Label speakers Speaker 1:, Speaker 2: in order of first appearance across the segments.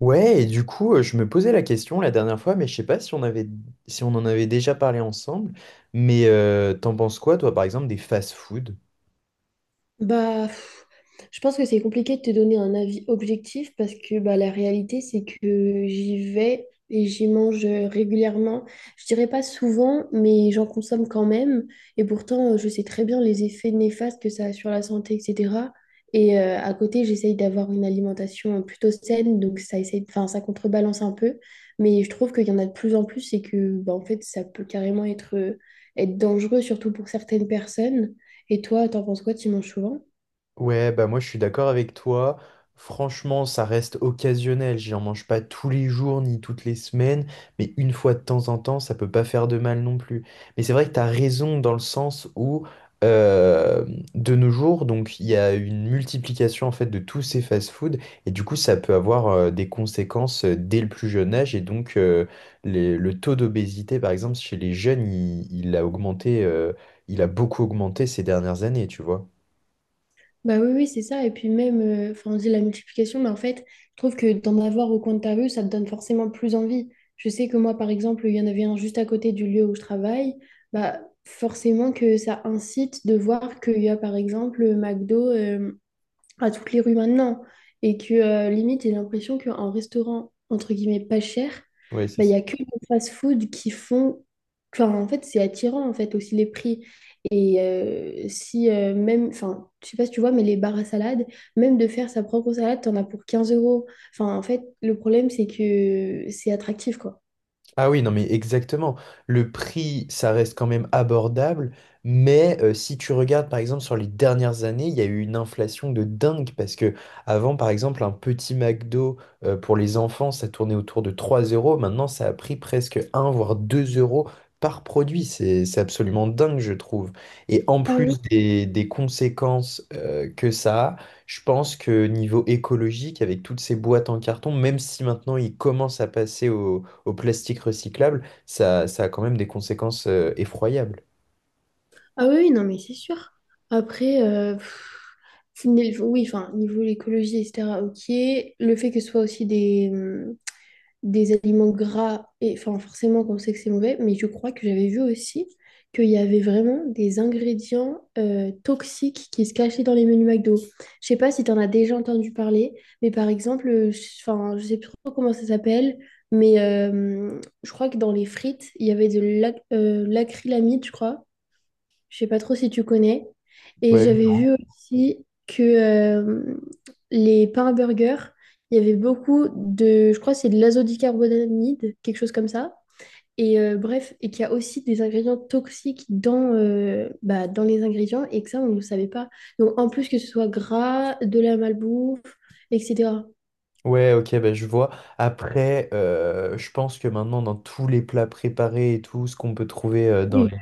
Speaker 1: Ouais, et du coup, je me posais la question la dernière fois, mais je sais pas si on en avait déjà parlé ensemble. Mais t'en penses quoi, toi, par exemple, des fast-food?
Speaker 2: Bah, pff, je pense que c'est compliqué de te donner un avis objectif parce que bah, la réalité, c'est que j'y vais et j'y mange régulièrement. Je dirais pas souvent, mais j'en consomme quand même. Et pourtant, je sais très bien les effets néfastes que ça a sur la santé, etc. Et à côté, j'essaye d'avoir une alimentation plutôt saine, donc ça essaye, enfin, ça contrebalance un peu. Mais je trouve qu'il y en a de plus en plus et que bah, en fait, ça peut carrément être, être dangereux, surtout pour certaines personnes. Et toi, t'en penses quoi? Tu manges souvent?
Speaker 1: Ouais, bah moi je suis d'accord avec toi. Franchement, ça reste occasionnel. J'en mange pas tous les jours ni toutes les semaines, mais une fois de temps en temps, ça peut pas faire de mal non plus. Mais c'est vrai que t'as raison dans le sens où euh, de nos jours, donc il y a une multiplication en fait de tous ces fast-foods et du coup ça peut avoir des conséquences dès le plus jeune âge et donc le taux d'obésité par exemple chez les jeunes, il a augmenté, il a beaucoup augmenté ces dernières années, tu vois.
Speaker 2: Bah oui, oui, c'est ça. Et puis même, enfin, on dit la multiplication, mais en fait, je trouve que d'en avoir au coin de ta rue, ça te donne forcément plus envie. Je sais que moi, par exemple, il y en avait un juste à côté du lieu où je travaille. Bah forcément que ça incite de voir qu'il y a, par exemple, McDo à toutes les rues maintenant. Et que limite, j'ai l'impression qu'en restaurant, entre guillemets, pas cher,
Speaker 1: Ouais, c'est
Speaker 2: bah, il n'y a que les fast-food qui font… Enfin, en fait, c'est attirant, en fait, aussi les prix. Et si même… Enfin, je sais pas si tu vois, mais les bars à salade, même de faire sa propre salade, t'en as pour 15 euros. Enfin, en fait, le problème, c'est que c'est attractif, quoi.
Speaker 1: Ah oui, non, mais exactement. Le prix, ça reste quand même abordable, mais si tu regardes par exemple sur les dernières années, il y a eu une inflation de dingue parce que avant, par exemple, un petit McDo pour les enfants, ça tournait autour de 3 euros. Maintenant, ça a pris presque un voire 2 € par produit. C'est absolument dingue, je trouve. Et en
Speaker 2: Ah oui,
Speaker 1: plus des conséquences que ça a, je pense que niveau écologique, avec toutes ces boîtes en carton, même si maintenant ils commencent à passer au plastique recyclable, ça a quand même des conséquences effroyables.
Speaker 2: ah oui, non, mais c'est sûr. Après, pff, oui, enfin, niveau l'écologie, etc., ok. Le fait que ce soit aussi des aliments gras, et enfin forcément qu'on sait que c'est mauvais, mais je crois que j'avais vu aussi qu'il y avait vraiment des ingrédients toxiques qui se cachaient dans les menus McDo. Je sais pas si tu en as déjà entendu parler, mais par exemple, enfin, je sais plus trop comment ça s'appelle, mais je crois que dans les frites, il y avait de l'acrylamide, je crois, je sais pas trop si tu connais. Et
Speaker 1: Ouais,
Speaker 2: j'avais vu aussi que les pains burgers, il y avait beaucoup de, je crois que c'est de l'azodicarbonamide, quelque chose comme ça. Et bref, et qu'il y a aussi des ingrédients toxiques dans, bah, dans les ingrédients et que ça, on ne le savait pas. Donc en plus que ce soit gras, de la malbouffe, etc.
Speaker 1: ouais, ok, bah, je vois. Après, je pense que maintenant, dans tous les plats préparés et tout, ce qu'on peut trouver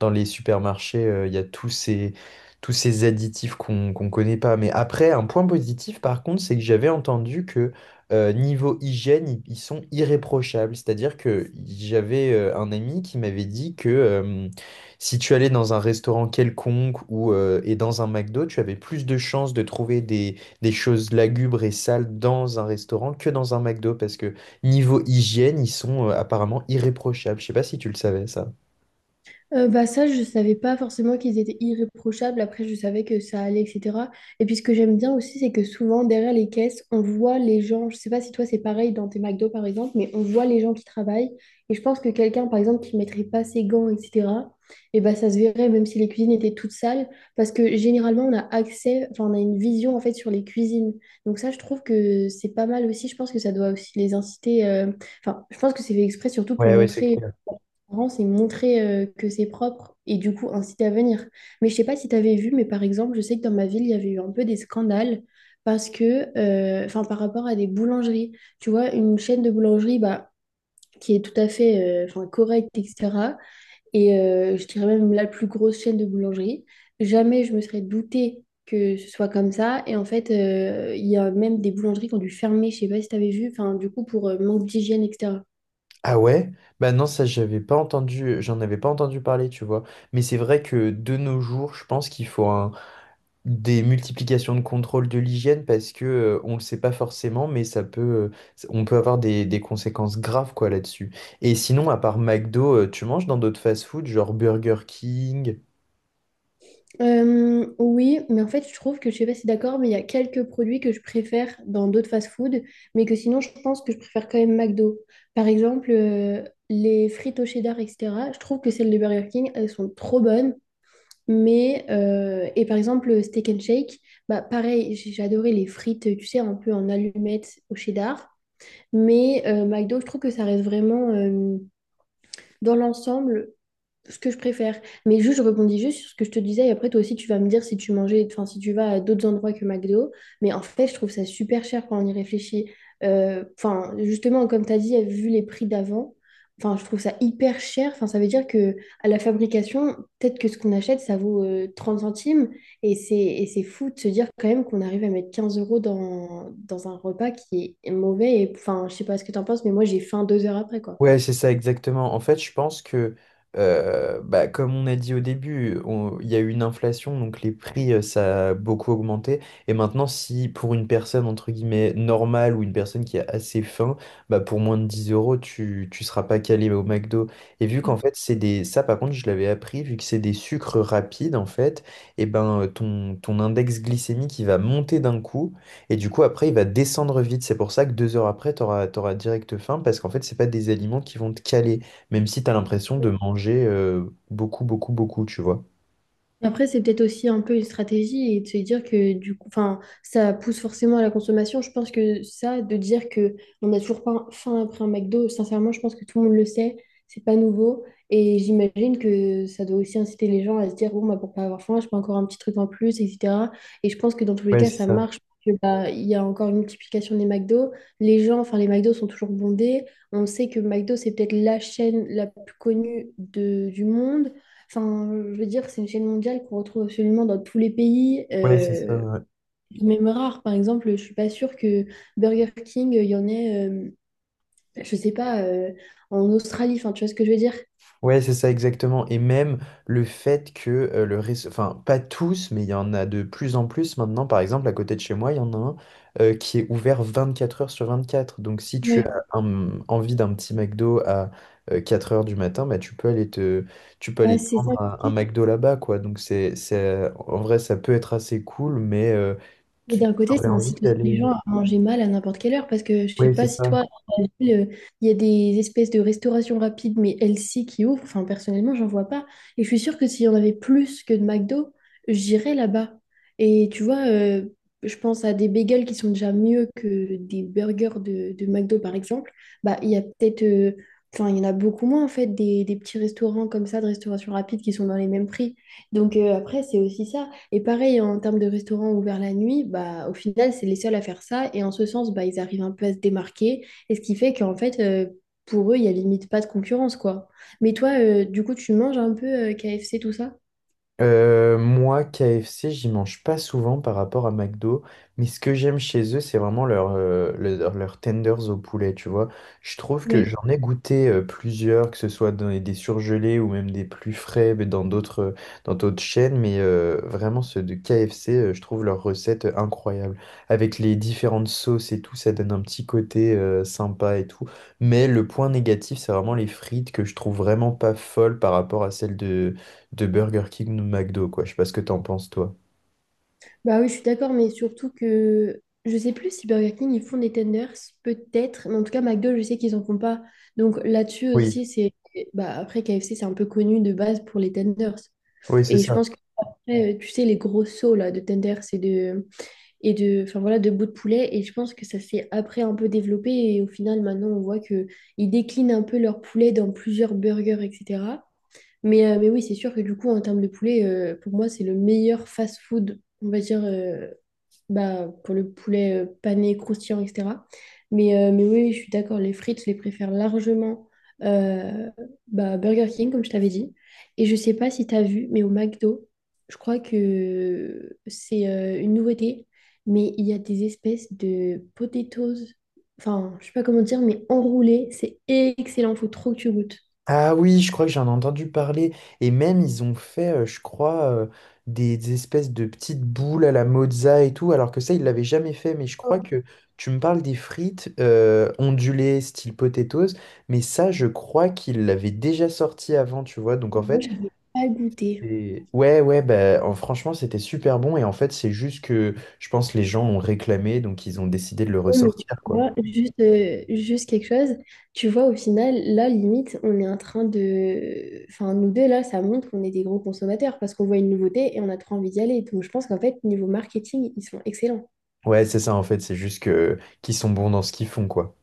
Speaker 1: dans les supermarchés, il y a tous ces additifs qu'on connaît pas. Mais après, un point positif, par contre, c'est que j'avais entendu que niveau hygiène, ils sont irréprochables. C'est-à-dire que j'avais un ami qui m'avait dit que si tu allais dans un restaurant quelconque ou et dans un McDo, tu avais plus de chances de trouver des choses lugubres et sales dans un restaurant que dans un McDo parce que niveau hygiène, ils sont apparemment irréprochables. Je sais pas si tu le savais ça.
Speaker 2: Bah ça, je savais pas forcément qu'ils étaient irréprochables. Après, je savais que ça allait, etc. Et puis, ce que j'aime bien aussi, c'est que souvent, derrière les caisses, on voit les gens. Je sais pas si toi, c'est pareil dans tes McDo, par exemple, mais on voit les gens qui travaillent. Et je pense que quelqu'un, par exemple, qui mettrait pas ses gants, etc., et bah, ça se verrait, même si les cuisines étaient toutes sales. Parce que généralement, on a accès, enfin, on a une vision, en fait, sur les cuisines. Donc ça, je trouve que c'est pas mal aussi. Je pense que ça doit aussi les inciter. Enfin, je pense que c'est fait exprès, surtout pour
Speaker 1: Ouais, ouais, c'est
Speaker 2: montrer
Speaker 1: clair.
Speaker 2: parents, c'est montrer que c'est propre et du coup inciter à venir. Mais je sais pas si tu avais vu, mais par exemple, je sais que dans ma ville, il y avait eu un peu des scandales parce que, enfin, par rapport à des boulangeries, tu vois, une chaîne de boulangerie, bah, qui est tout à fait, enfin, correcte, etc. Et je dirais même la plus grosse chaîne de boulangerie. Jamais je me serais doutée que ce soit comme ça. Et en fait, il y a même des boulangeries qui ont dû fermer, je sais pas si tu avais vu, enfin, du coup, pour manque d'hygiène, etc.
Speaker 1: Ah ouais? Bah non, ça j'avais pas entendu, j'en avais pas entendu parler, tu vois. Mais c'est vrai que de nos jours, je pense des multiplications de contrôle de l'hygiène parce que on le sait pas forcément, mais on peut avoir des conséquences graves quoi là-dessus. Et sinon, à part McDo, tu manges dans d'autres fast-food, genre Burger King,
Speaker 2: Oui, mais en fait, je trouve que je sais pas si t'es d'accord, mais il y a quelques produits que je préfère dans d'autres fast-food, mais que sinon, je pense que je préfère quand même McDo. Par exemple, les frites au cheddar, etc. Je trouve que celles de Burger King, elles sont trop bonnes. Mais, et par exemple, le steak and shake, bah pareil, j'ai adoré les frites, tu sais, un peu en allumettes au cheddar. Mais McDo, je trouve que ça reste vraiment, dans l'ensemble, ce que je préfère. Mais juste, je rebondis juste sur ce que je te disais, et après, toi aussi, tu vas me dire si tu mangeais, enfin, si tu vas à d'autres endroits que McDo. Mais en fait, je trouve ça super cher quand on y réfléchit. Enfin, justement, comme tu as dit, vu les prix d'avant, enfin, je trouve ça hyper cher. Enfin, ça veut dire que à la fabrication, peut-être que ce qu'on achète, ça vaut 30 centimes. Et c'est fou de se dire quand même qu'on arrive à mettre 15 € dans, dans un repas qui est mauvais. Et, enfin, je sais pas ce que tu en penses, mais moi, j'ai faim 2 heures après, quoi.
Speaker 1: ouais, c'est ça exactement. En fait, bah, comme on a dit au début, il y a eu une inflation, donc les prix, ça a beaucoup augmenté. Et maintenant, si pour une personne, entre guillemets, normale ou une personne qui a assez faim, bah, pour moins de 10 euros, tu ne seras pas calé au McDo. Et vu qu'en fait, c'est des... Ça, par contre, je l'avais appris, vu que c'est des sucres rapides, en fait, et ben, ton index glycémique, il va monter d'un coup. Et du coup, après, il va descendre vite. C'est pour ça que 2 heures après, tu auras, direct faim parce qu'en fait, c'est pas des aliments qui vont te caler, même si tu as l'impression de manger beaucoup, beaucoup, beaucoup, tu vois.
Speaker 2: Et après, c'est peut-être aussi un peu une stratégie et de se dire que du coup, enfin, ça pousse forcément à la consommation. Je pense que ça, de dire que on n'a toujours pas faim après un McDo, sincèrement, je pense que tout le monde le sait, c'est pas nouveau. Et j'imagine que ça doit aussi inciter les gens à se dire, bon, bah, pour pas avoir faim, je prends encore un petit truc en plus, etc. Et je pense que dans tous les
Speaker 1: Ouais,
Speaker 2: cas,
Speaker 1: c'est
Speaker 2: ça
Speaker 1: ça.
Speaker 2: marche. Parce que, bah, il y a encore une multiplication des McDo. Les gens, enfin, les McDo sont toujours bondés. On sait que McDo, c'est peut-être la chaîne la plus connue de, du monde. Enfin, je veux dire, c'est une chaîne mondiale qu'on retrouve absolument dans tous les pays.
Speaker 1: Ouais, c'est ça.
Speaker 2: Même rare, par exemple, je suis pas sûre que Burger King, il y en ait, je sais pas, en Australie. Enfin, tu vois ce que je veux dire?
Speaker 1: Ouais, c'est ça exactement. Et même le fait que le réseau, enfin pas tous, mais il y en a de plus en plus maintenant. Par exemple, à côté de chez moi, il y en a un qui est ouvert 24 heures sur 24. Donc si tu
Speaker 2: Ouais.
Speaker 1: as envie d'un petit McDo à 4 heures du matin, bah, tu peux
Speaker 2: Ah,
Speaker 1: aller te
Speaker 2: c'est ça.
Speaker 1: prendre un McDo là-bas, quoi. Donc en vrai, ça peut être assez cool, mais
Speaker 2: Mais
Speaker 1: tu
Speaker 2: d'un côté,
Speaker 1: aurais
Speaker 2: ça
Speaker 1: envie
Speaker 2: incite aussi les
Speaker 1: d'aller.
Speaker 2: gens à manger mal à n'importe quelle heure parce que je sais
Speaker 1: Ouais, c'est
Speaker 2: pas si toi,
Speaker 1: ça.
Speaker 2: dans ta ville, il y a des espèces de restauration rapide mais healthy qui ouvrent. Enfin, personnellement, j'en vois pas. Et je suis sûre que s'il y en avait plus que de McDo, j'irais là-bas. Et tu vois, je pense à des bagels qui sont déjà mieux que des burgers de McDo, par exemple. Bah, il y a peut-être, enfin, il y en a beaucoup moins en fait des petits restaurants comme ça de restauration rapide qui sont dans les mêmes prix. Donc après, c'est aussi ça. Et pareil, en termes de restaurants ouverts la nuit, bah, au final, c'est les seuls à faire ça. Et en ce sens, bah, ils arrivent un peu à se démarquer. Et ce qui fait qu'en fait, pour eux, il n'y a limite pas de concurrence, quoi. Mais toi, du coup, tu manges un peu KFC, tout ça?
Speaker 1: Moi, KFC, j'y mange pas souvent par rapport à McDo, mais ce que j'aime chez eux, c'est vraiment leurs tenders au poulet, tu vois. Je trouve que
Speaker 2: Ouais.
Speaker 1: j'en ai goûté plusieurs, que ce soit dans des surgelés ou même des plus frais mais dans d'autres chaînes, mais vraiment ceux de KFC, je trouve leur recette incroyable. Avec les différentes sauces et tout, ça donne un petit côté sympa et tout. Mais le point négatif, c'est vraiment les frites que je trouve vraiment pas folles par rapport à celles de Burger King ou de McDo, quoi. Je sais pas ce que t'en penses, toi.
Speaker 2: Bah oui, je suis d'accord, mais surtout que je sais plus si Burger King, ils font des tenders, peut-être. Mais en tout cas, McDo, je sais qu'ils en font pas. Donc là-dessus
Speaker 1: Oui.
Speaker 2: aussi, c'est… Bah, après, KFC, c'est un peu connu de base pour les tenders.
Speaker 1: Oui, c'est
Speaker 2: Et je
Speaker 1: ça.
Speaker 2: pense que, tu sais, les gros sauts là, de tenders et de, enfin voilà, de bouts de poulet. Et je pense que ça s'est après un peu développé. Et au final, maintenant, on voit que ils déclinent un peu leur poulet dans plusieurs burgers, etc. Mais oui, c'est sûr que du coup, en termes de poulet, pour moi, c'est le meilleur fast-food, on va dire, bah, pour le poulet pané, croustillant, etc. Mais oui, je suis d'accord, les frites, je les préfère largement euh, bah, Burger King, comme je t'avais dit. Et je sais pas si tu as vu, mais au McDo, je crois que c'est une nouveauté, mais il y a des espèces de potatoes, enfin, je sais pas comment dire, mais enroulées, c'est excellent, faut trop que tu goûtes.
Speaker 1: Ah oui, je crois que j'en ai entendu parler. Et même, ils ont fait, des espèces de petites boules à la mozza et tout, alors que ça, ils l'avaient jamais fait. Mais je crois que tu me parles des frites ondulées, style potatoes. Mais ça, je crois qu'ils l'avaient déjà sorti avant, tu vois. Donc en
Speaker 2: Moi,
Speaker 1: fait,
Speaker 2: je n'avais pas goûté.
Speaker 1: ouais, ouais, bah, franchement, c'était super bon. Et en fait, c'est juste que je pense les gens ont réclamé, donc ils ont décidé de le
Speaker 2: Oh, mais tu
Speaker 1: ressortir, quoi.
Speaker 2: vois, juste, juste quelque chose, tu vois, au final, là, limite, on est en train de… Enfin, nous deux, là, ça montre qu'on est des gros consommateurs parce qu'on voit une nouveauté et on a trop envie d'y aller. Donc, je pense qu'en fait, niveau marketing, ils sont excellents.
Speaker 1: Ouais, c'est ça en fait, c'est juste que qu'ils sont bons dans ce qu'ils font, quoi.